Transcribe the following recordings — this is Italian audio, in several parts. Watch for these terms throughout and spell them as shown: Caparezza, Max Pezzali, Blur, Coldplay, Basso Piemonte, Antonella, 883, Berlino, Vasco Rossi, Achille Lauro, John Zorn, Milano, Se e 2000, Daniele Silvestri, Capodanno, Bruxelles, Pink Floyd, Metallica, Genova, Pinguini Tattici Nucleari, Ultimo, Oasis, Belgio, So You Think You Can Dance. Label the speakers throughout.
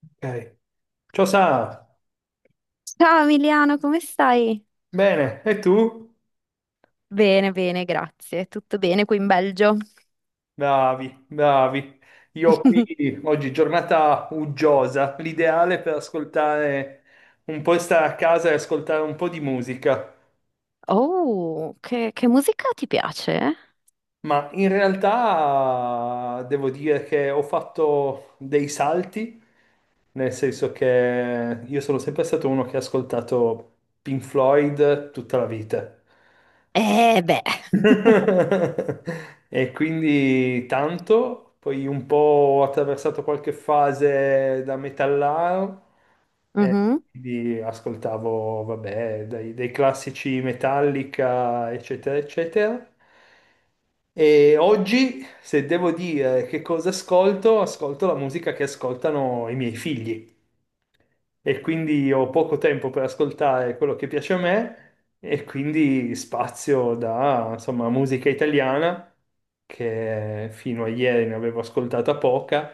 Speaker 1: Ok. Ciao Sa,
Speaker 2: Ciao Emiliano, come stai?
Speaker 1: bene, e tu?
Speaker 2: Bene, bene, grazie. Tutto bene qui in Belgio.
Speaker 1: Bravi, bravi. Io qui oggi giornata uggiosa, l'ideale per ascoltare un po' stare a casa e ascoltare un po' di musica.
Speaker 2: Oh, che musica ti piace?
Speaker 1: Ma in realtà devo dire che ho fatto dei salti, nel senso che io sono sempre stato uno che ha ascoltato Pink Floyd tutta la vita.
Speaker 2: Eh beh.
Speaker 1: E quindi tanto, poi un po' ho attraversato qualche fase da metallaro, e
Speaker 2: Mhm.
Speaker 1: quindi ascoltavo, vabbè, dai, dei classici Metallica, eccetera, eccetera. E oggi, se devo dire che cosa ascolto, ascolto la musica che ascoltano i miei figli e quindi ho poco tempo per ascoltare quello che piace a me e quindi spazio da, insomma, musica italiana, che fino a ieri ne avevo ascoltata poca,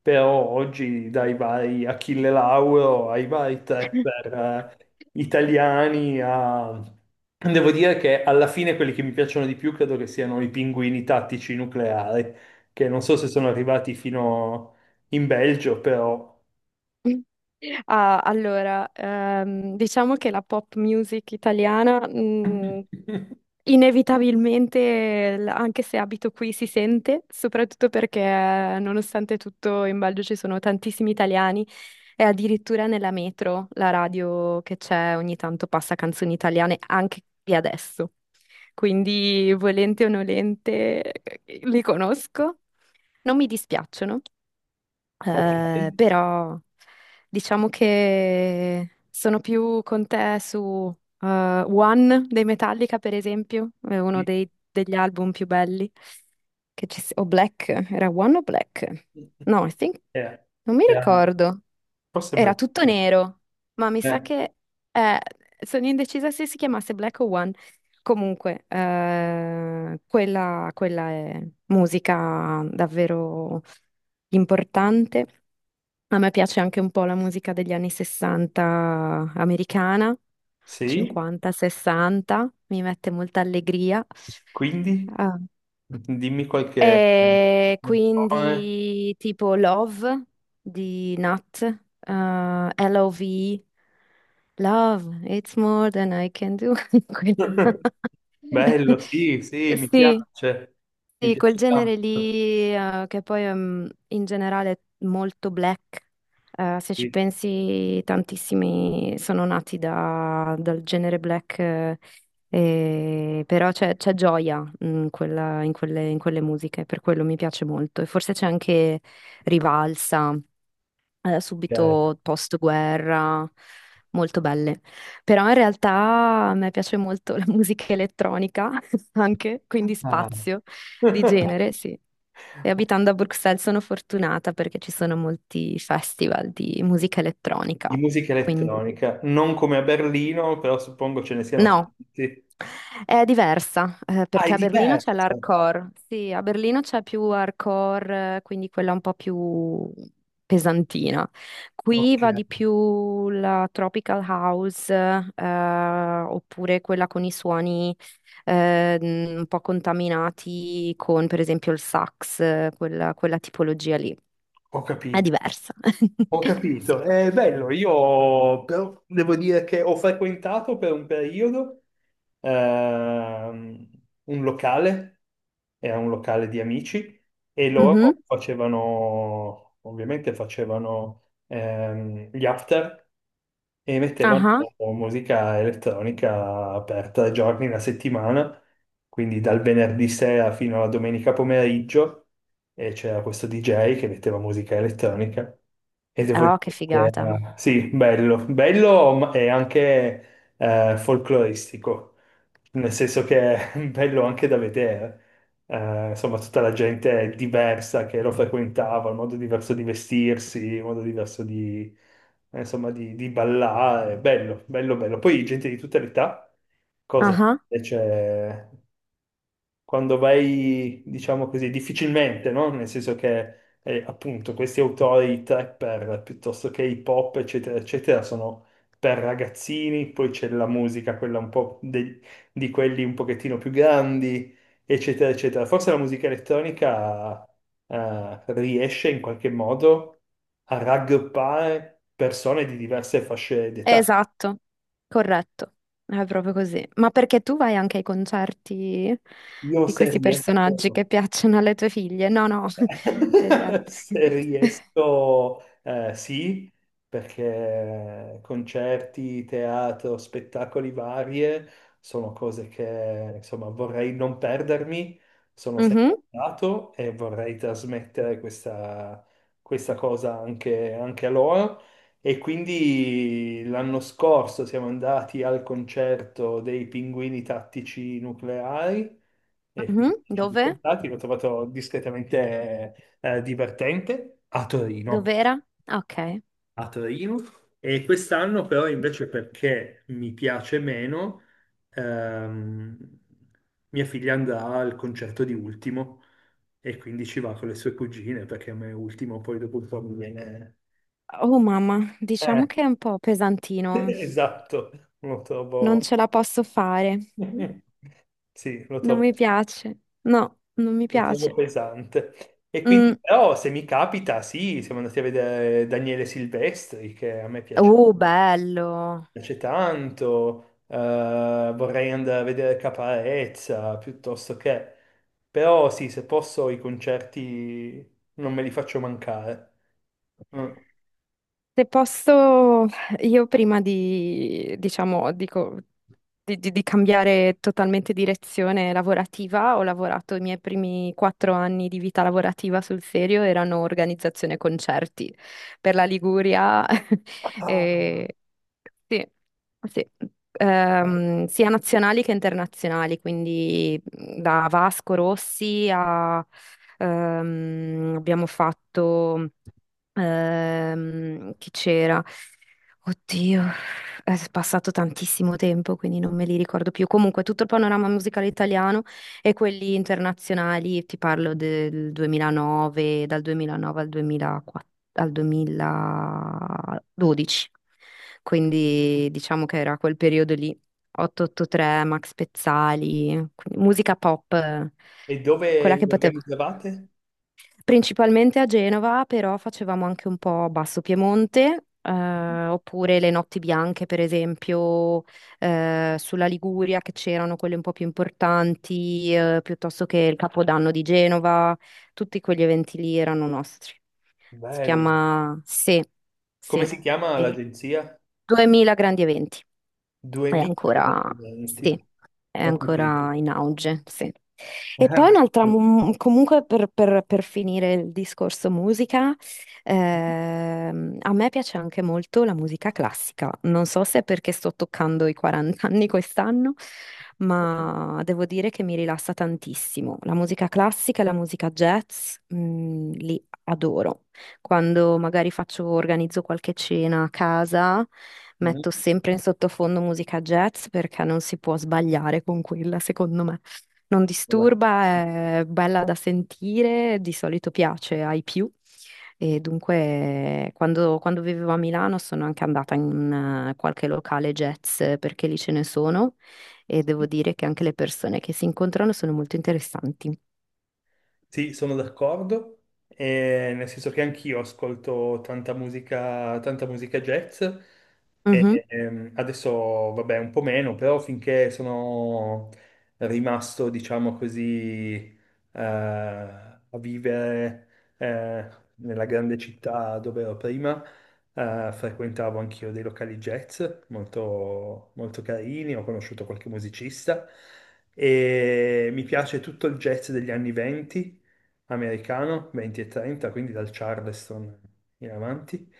Speaker 1: però oggi dai vari Achille Lauro ai vari trapper italiani a... Devo dire che alla fine quelli che mi piacciono di più credo che siano i pinguini tattici nucleari, che non so se sono arrivati fino in Belgio, però...
Speaker 2: Ah, allora, diciamo che la pop music italiana, inevitabilmente, anche se abito qui, si sente, soprattutto perché nonostante tutto in Belgio ci sono tantissimi italiani e addirittura nella metro la radio che c'è ogni tanto passa canzoni italiane anche qui adesso. Quindi, volente o nolente, li conosco. Non mi dispiacciono,
Speaker 1: Ok.
Speaker 2: però diciamo che sono più con te su One dei Metallica, per esempio, è uno
Speaker 1: Sì.
Speaker 2: degli album più belli che o Black, era One o Black? No, I think,
Speaker 1: Eh,
Speaker 2: non mi
Speaker 1: era-
Speaker 2: ricordo.
Speaker 1: Forse
Speaker 2: Era
Speaker 1: Belgio.
Speaker 2: tutto nero, ma mi sa
Speaker 1: Eh,
Speaker 2: che eh, sono indecisa se si chiamasse Black o One. Comunque, quella è musica davvero importante. A me piace anche un po' la musica degli anni 60 americana,
Speaker 1: sì,
Speaker 2: 50, 60, mi mette molta allegria.
Speaker 1: quindi
Speaker 2: Ah,
Speaker 1: dimmi qualche...
Speaker 2: e quindi tipo Love di Nat, eh, L.O.V., Love, it's more than I can do. Quella-
Speaker 1: Bello, sì, sì,
Speaker 2: Sì,
Speaker 1: mi
Speaker 2: sì, quel
Speaker 1: piace
Speaker 2: genere
Speaker 1: tanto.
Speaker 2: lì, che poi in generale è molto black, se ci
Speaker 1: Sì,
Speaker 2: pensi tantissimi sono nati dal genere black, però c'è gioia in quelle musiche, per quello mi piace molto e forse c'è anche rivalsa,
Speaker 1: ok.
Speaker 2: subito post-guerra, molto belle. Però in realtà a me piace molto la musica elettronica anche, quindi
Speaker 1: Ah.
Speaker 2: spazio di genere, sì. E abitando a Bruxelles sono fortunata perché ci sono molti festival di musica elettronica.
Speaker 1: Di musica
Speaker 2: Quindi
Speaker 1: elettronica, non come a Berlino, però suppongo ce ne siano
Speaker 2: no,
Speaker 1: tanti.
Speaker 2: è diversa,
Speaker 1: Ah, è
Speaker 2: perché a Berlino c'è
Speaker 1: diversa.
Speaker 2: l'hardcore. Sì, a Berlino c'è più hardcore, quindi quella un po' più pesantina. Qui
Speaker 1: Ok,
Speaker 2: va di più la tropical house, oppure quella con i suoni, un po' contaminati con, per esempio, il sax, quella tipologia lì.
Speaker 1: ho
Speaker 2: È
Speaker 1: capito.
Speaker 2: diversa.
Speaker 1: Ho
Speaker 2: Sì.
Speaker 1: capito, è bello, io però devo dire che ho frequentato per un periodo ehm, un locale, era un locale di amici e
Speaker 2: Mhm.
Speaker 1: loro facevano, ovviamente facevano gli after e mettevano
Speaker 2: Ah,
Speaker 1: musica elettronica per tre giorni la settimana quindi dal venerdì sera fino alla domenica pomeriggio e c'era questo DJ che metteva musica elettronica e devo
Speaker 2: ah. Oh, che
Speaker 1: dire che
Speaker 2: figata.
Speaker 1: era, sì, bello, bello ma- e anche folcloristico, nel senso che è bello anche da vedere. Insomma, tutta la gente diversa che lo frequentava, il modo diverso di vestirsi, il modo diverso di, insomma, di ballare, bello, bello, bello. Poi gente di tutta l'età cosa invece quando vai, diciamo così, difficilmente, no? Nel senso che appunto questi autori trapper piuttosto che hip hop, eccetera, eccetera, sono per ragazzini, poi c'è la musica, quella un po' de- di quelli un pochettino più grandi, eccetera, eccetera. Forse la musica elettronica riesce in qualche modo a raggruppare persone di diverse fasce d'età.
Speaker 2: Esatto, corretto, è proprio così. Ma perché tu vai anche ai concerti
Speaker 1: Io
Speaker 2: di
Speaker 1: se
Speaker 2: questi personaggi
Speaker 1: riesco.
Speaker 2: che piacciono alle tue figlie? No, no, degli altri.
Speaker 1: Se riesco, sì, perché concerti, teatro, spettacoli varie sono cose che insomma vorrei non perdermi, sono
Speaker 2: Mhm,
Speaker 1: sempre andato e vorrei trasmettere questa, questa cosa anche, anche a loro. E quindi l'anno scorso siamo andati al concerto dei Pinguini Tattici Nucleari e film
Speaker 2: mhm.
Speaker 1: di
Speaker 2: Dove?
Speaker 1: portati, l'ho trovato discretamente divertente a Torino.
Speaker 2: Dov'era? Ok.
Speaker 1: A Torino. E quest'anno però invece perché mi piace meno, ehm, mia figlia andrà al concerto di Ultimo e quindi ci va con le sue cugine perché a me Ultimo poi dopo un po' mi viene...
Speaker 2: Oh mamma,
Speaker 1: Eh,
Speaker 2: diciamo che è un po' pesantino.
Speaker 1: esatto, lo
Speaker 2: Non
Speaker 1: trovo...
Speaker 2: ce la posso fare.
Speaker 1: Sì, lo
Speaker 2: Non
Speaker 1: trovo
Speaker 2: mi piace. No, non mi
Speaker 1: Lo trovo
Speaker 2: piace.
Speaker 1: pesante. E quindi,
Speaker 2: Mm.
Speaker 1: però, se mi capita, sì, siamo andati a vedere Daniele Silvestri, che a me piace,
Speaker 2: Oh, bello.
Speaker 1: piace tanto. Vorrei andare a vedere Caparezza, piuttosto che... Però sì, se posso, i concerti non me li faccio mancare. Mm.
Speaker 2: Se posso, io prima di, diciamo, dico, di cambiare totalmente direzione lavorativa. Ho lavorato i miei primi 4 anni di vita lavorativa sul serio, erano organizzazione concerti per la Liguria,
Speaker 1: Ah,
Speaker 2: e, sì, sì.
Speaker 1: bello.
Speaker 2: Sia nazionali che internazionali, quindi mhmm, da Vasco Rossi a, abbiamo fatto. Che c'era? Oddio, è passato tantissimo tempo, quindi non me li ricordo più. Comunque, tutto il panorama musicale italiano e quelli internazionali, ti parlo del 2009, dal 2009 al 2004 al 2012. Quindi diciamo che era quel periodo lì, 883, Max Pezzali, quindi musica pop,
Speaker 1: E dove
Speaker 2: quella che
Speaker 1: li
Speaker 2: potevo.
Speaker 1: organizzavate?
Speaker 2: Principalmente a Genova, però facevamo anche un po' Basso Piemonte, oppure le notti bianche, per esempio, sulla Liguria, che c'erano quelle un po' più importanti, piuttosto che il Capodanno di Genova, tutti quegli eventi lì erano nostri. Si
Speaker 1: Bello.
Speaker 2: chiama Se,
Speaker 1: Come
Speaker 2: Se,
Speaker 1: si chiama
Speaker 2: e
Speaker 1: l'agenzia?
Speaker 2: 2000 grandi eventi, è ancora,
Speaker 1: 2020.
Speaker 2: sì, è
Speaker 1: Ho capito.
Speaker 2: ancora in auge, sì. E poi un'altra, comunque per finire il discorso musica, a me piace anche molto la musica classica. Non so se è perché sto toccando i 40 anni quest'anno, ma devo dire che mi rilassa tantissimo. La musica classica e la musica jazz, li adoro. Quando magari faccio, organizzo qualche cena a casa,
Speaker 1: Mamma
Speaker 2: metto sempre in sottofondo musica jazz perché non si può sbagliare con quella, secondo me. Non
Speaker 1: va.
Speaker 2: disturba, è bella da sentire, di solito piace ai più. E dunque, quando, quando vivevo a Milano sono anche andata in qualche locale jazz, perché lì ce ne sono e devo dire che anche le persone che si incontrano sono molto interessanti.
Speaker 1: Sì, sono d'accordo, nel senso che anch'io ascolto tanta musica jazz,
Speaker 2: Mhm.
Speaker 1: e, adesso vabbè un po' meno, però finché sono rimasto, diciamo così, a vivere eh, nella grande città dove ero prima, frequentavo anch'io dei locali jazz molto, molto carini, ho conosciuto qualche musicista e mi piace tutto il jazz degli anni 20 americano, 20 e 30, quindi dal Charleston in avanti,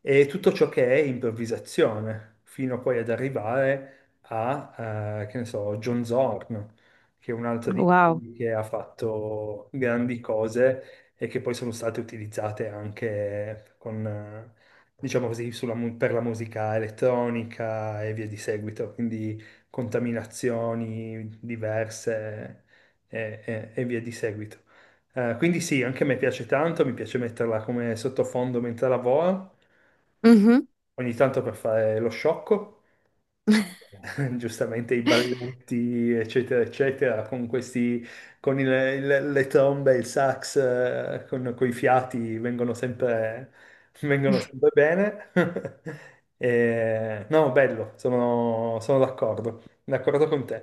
Speaker 1: e tutto ciò che è improvvisazione, fino poi ad arrivare a, che ne so, John Zorn, che è un altro di
Speaker 2: Wow.
Speaker 1: quelli che ha fatto grandi cose e che poi sono state utilizzate anche con, diciamo così, sulla mu- per la musica elettronica e via di seguito, quindi contaminazioni diverse e via di seguito. Quindi sì, anche a me piace tanto, mi piace metterla come sottofondo mentre lavoro,
Speaker 2: Mhm.
Speaker 1: ogni tanto per fare lo sciocco. Giustamente i balletti, eccetera, eccetera, con questi, con il- le trombe, il sax, con, coi fiati, vengono sempre bene. E- no, bello, sono, sono d'accordo, d'accordo con te.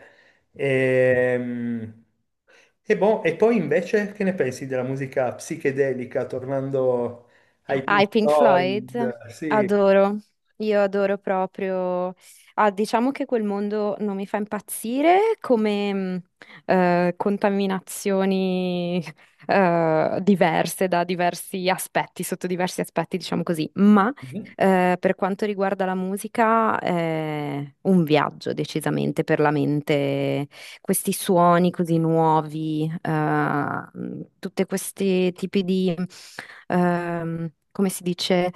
Speaker 1: Ehm, E, boh, e poi invece che ne pensi della musica psichedelica, tornando ai
Speaker 2: Ah,
Speaker 1: Pink
Speaker 2: i Pink Floyd,
Speaker 1: Floyd? Sì,
Speaker 2: adoro, io adoro proprio. Ah, diciamo che quel mondo non mi fa impazzire come contaminazioni diverse da diversi aspetti, sotto diversi aspetti, diciamo così, ma
Speaker 1: mhm.
Speaker 2: per quanto riguarda la musica è un viaggio decisamente per la mente questi suoni così nuovi, tutti questi tipi di, come si dice,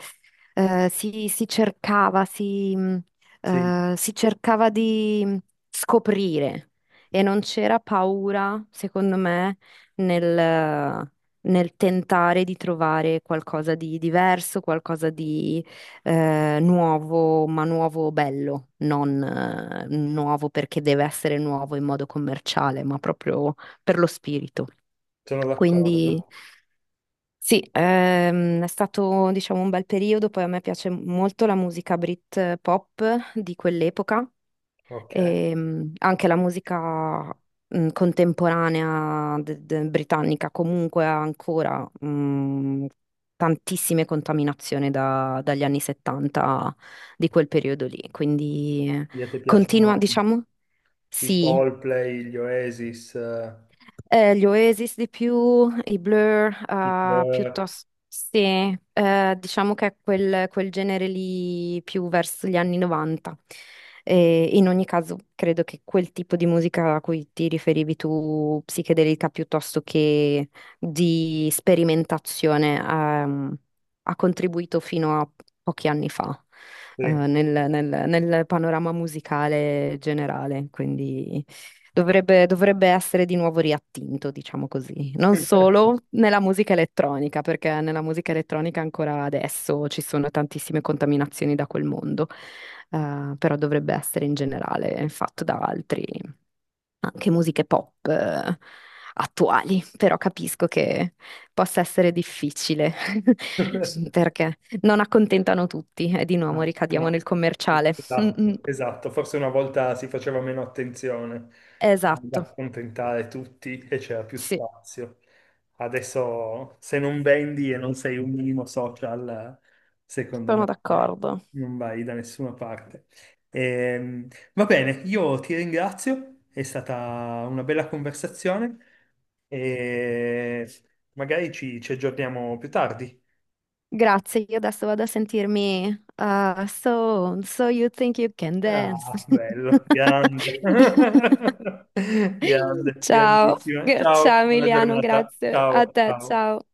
Speaker 2: eh, si, si cercava, si, mh,
Speaker 1: Sì,
Speaker 2: si cercava di scoprire e non c'era paura, secondo me, nel, nel tentare di trovare qualcosa di diverso, qualcosa di nuovo, ma nuovo bello, non nuovo perché deve essere nuovo in modo commerciale, ma proprio per lo spirito.
Speaker 1: sono
Speaker 2: Quindi
Speaker 1: d'accordo.
Speaker 2: sì, è stato diciamo un bel periodo, poi a me piace molto la musica Brit, pop di quell'epoca
Speaker 1: Ok.
Speaker 2: e, anche la musica, contemporanea britannica comunque ha ancora tantissime contaminazioni dagli anni 70 di quel periodo lì, quindi
Speaker 1: Quindi a te
Speaker 2: continua,
Speaker 1: piacciono
Speaker 2: diciamo,
Speaker 1: i
Speaker 2: sì,
Speaker 1: Coldplay, gli Oasis,
Speaker 2: gli Oasis di più, i Blur,
Speaker 1: i Blur,
Speaker 2: piuttosto sì, diciamo che è quel, quel genere lì più verso gli anni 90. E in ogni caso, credo che quel tipo di musica a cui ti riferivi tu, psichedelica piuttosto che di sperimentazione, ha contribuito fino a pochi anni fa,
Speaker 1: sì.
Speaker 2: nel nel panorama musicale generale. Quindi. Dovrebbe essere di nuovo riattinto, diciamo così. Non solo nella musica elettronica, perché nella musica elettronica ancora adesso ci sono tantissime contaminazioni da quel mondo, però dovrebbe essere in generale fatto da altri, anche musiche pop, attuali. Però capisco che possa essere difficile, perché non accontentano tutti e di nuovo
Speaker 1: No,
Speaker 2: ricadiamo nel
Speaker 1: no.
Speaker 2: commerciale. Mm, mm.
Speaker 1: Esatto, esatto. Forse una volta si faceva meno attenzione ad
Speaker 2: Esatto,
Speaker 1: accontentare tutti e c'era più
Speaker 2: sì.
Speaker 1: spazio. Adesso se non vendi e non sei un minimo social, secondo
Speaker 2: Sono
Speaker 1: me
Speaker 2: d'accordo.
Speaker 1: non vai da nessuna parte. Ehm, va bene, io ti ringrazio, è stata una bella conversazione e magari ci aggiorniamo più tardi.
Speaker 2: Grazie, io adesso vado a sentirmi So You Think You Can Dance.
Speaker 1: Ah, bello, grande. Grande,
Speaker 2: Ciao,
Speaker 1: grandissima. Ciao,
Speaker 2: Ciao
Speaker 1: buona
Speaker 2: Emiliano,
Speaker 1: giornata.
Speaker 2: grazie a
Speaker 1: Ciao,
Speaker 2: te,
Speaker 1: ciao.
Speaker 2: ciao.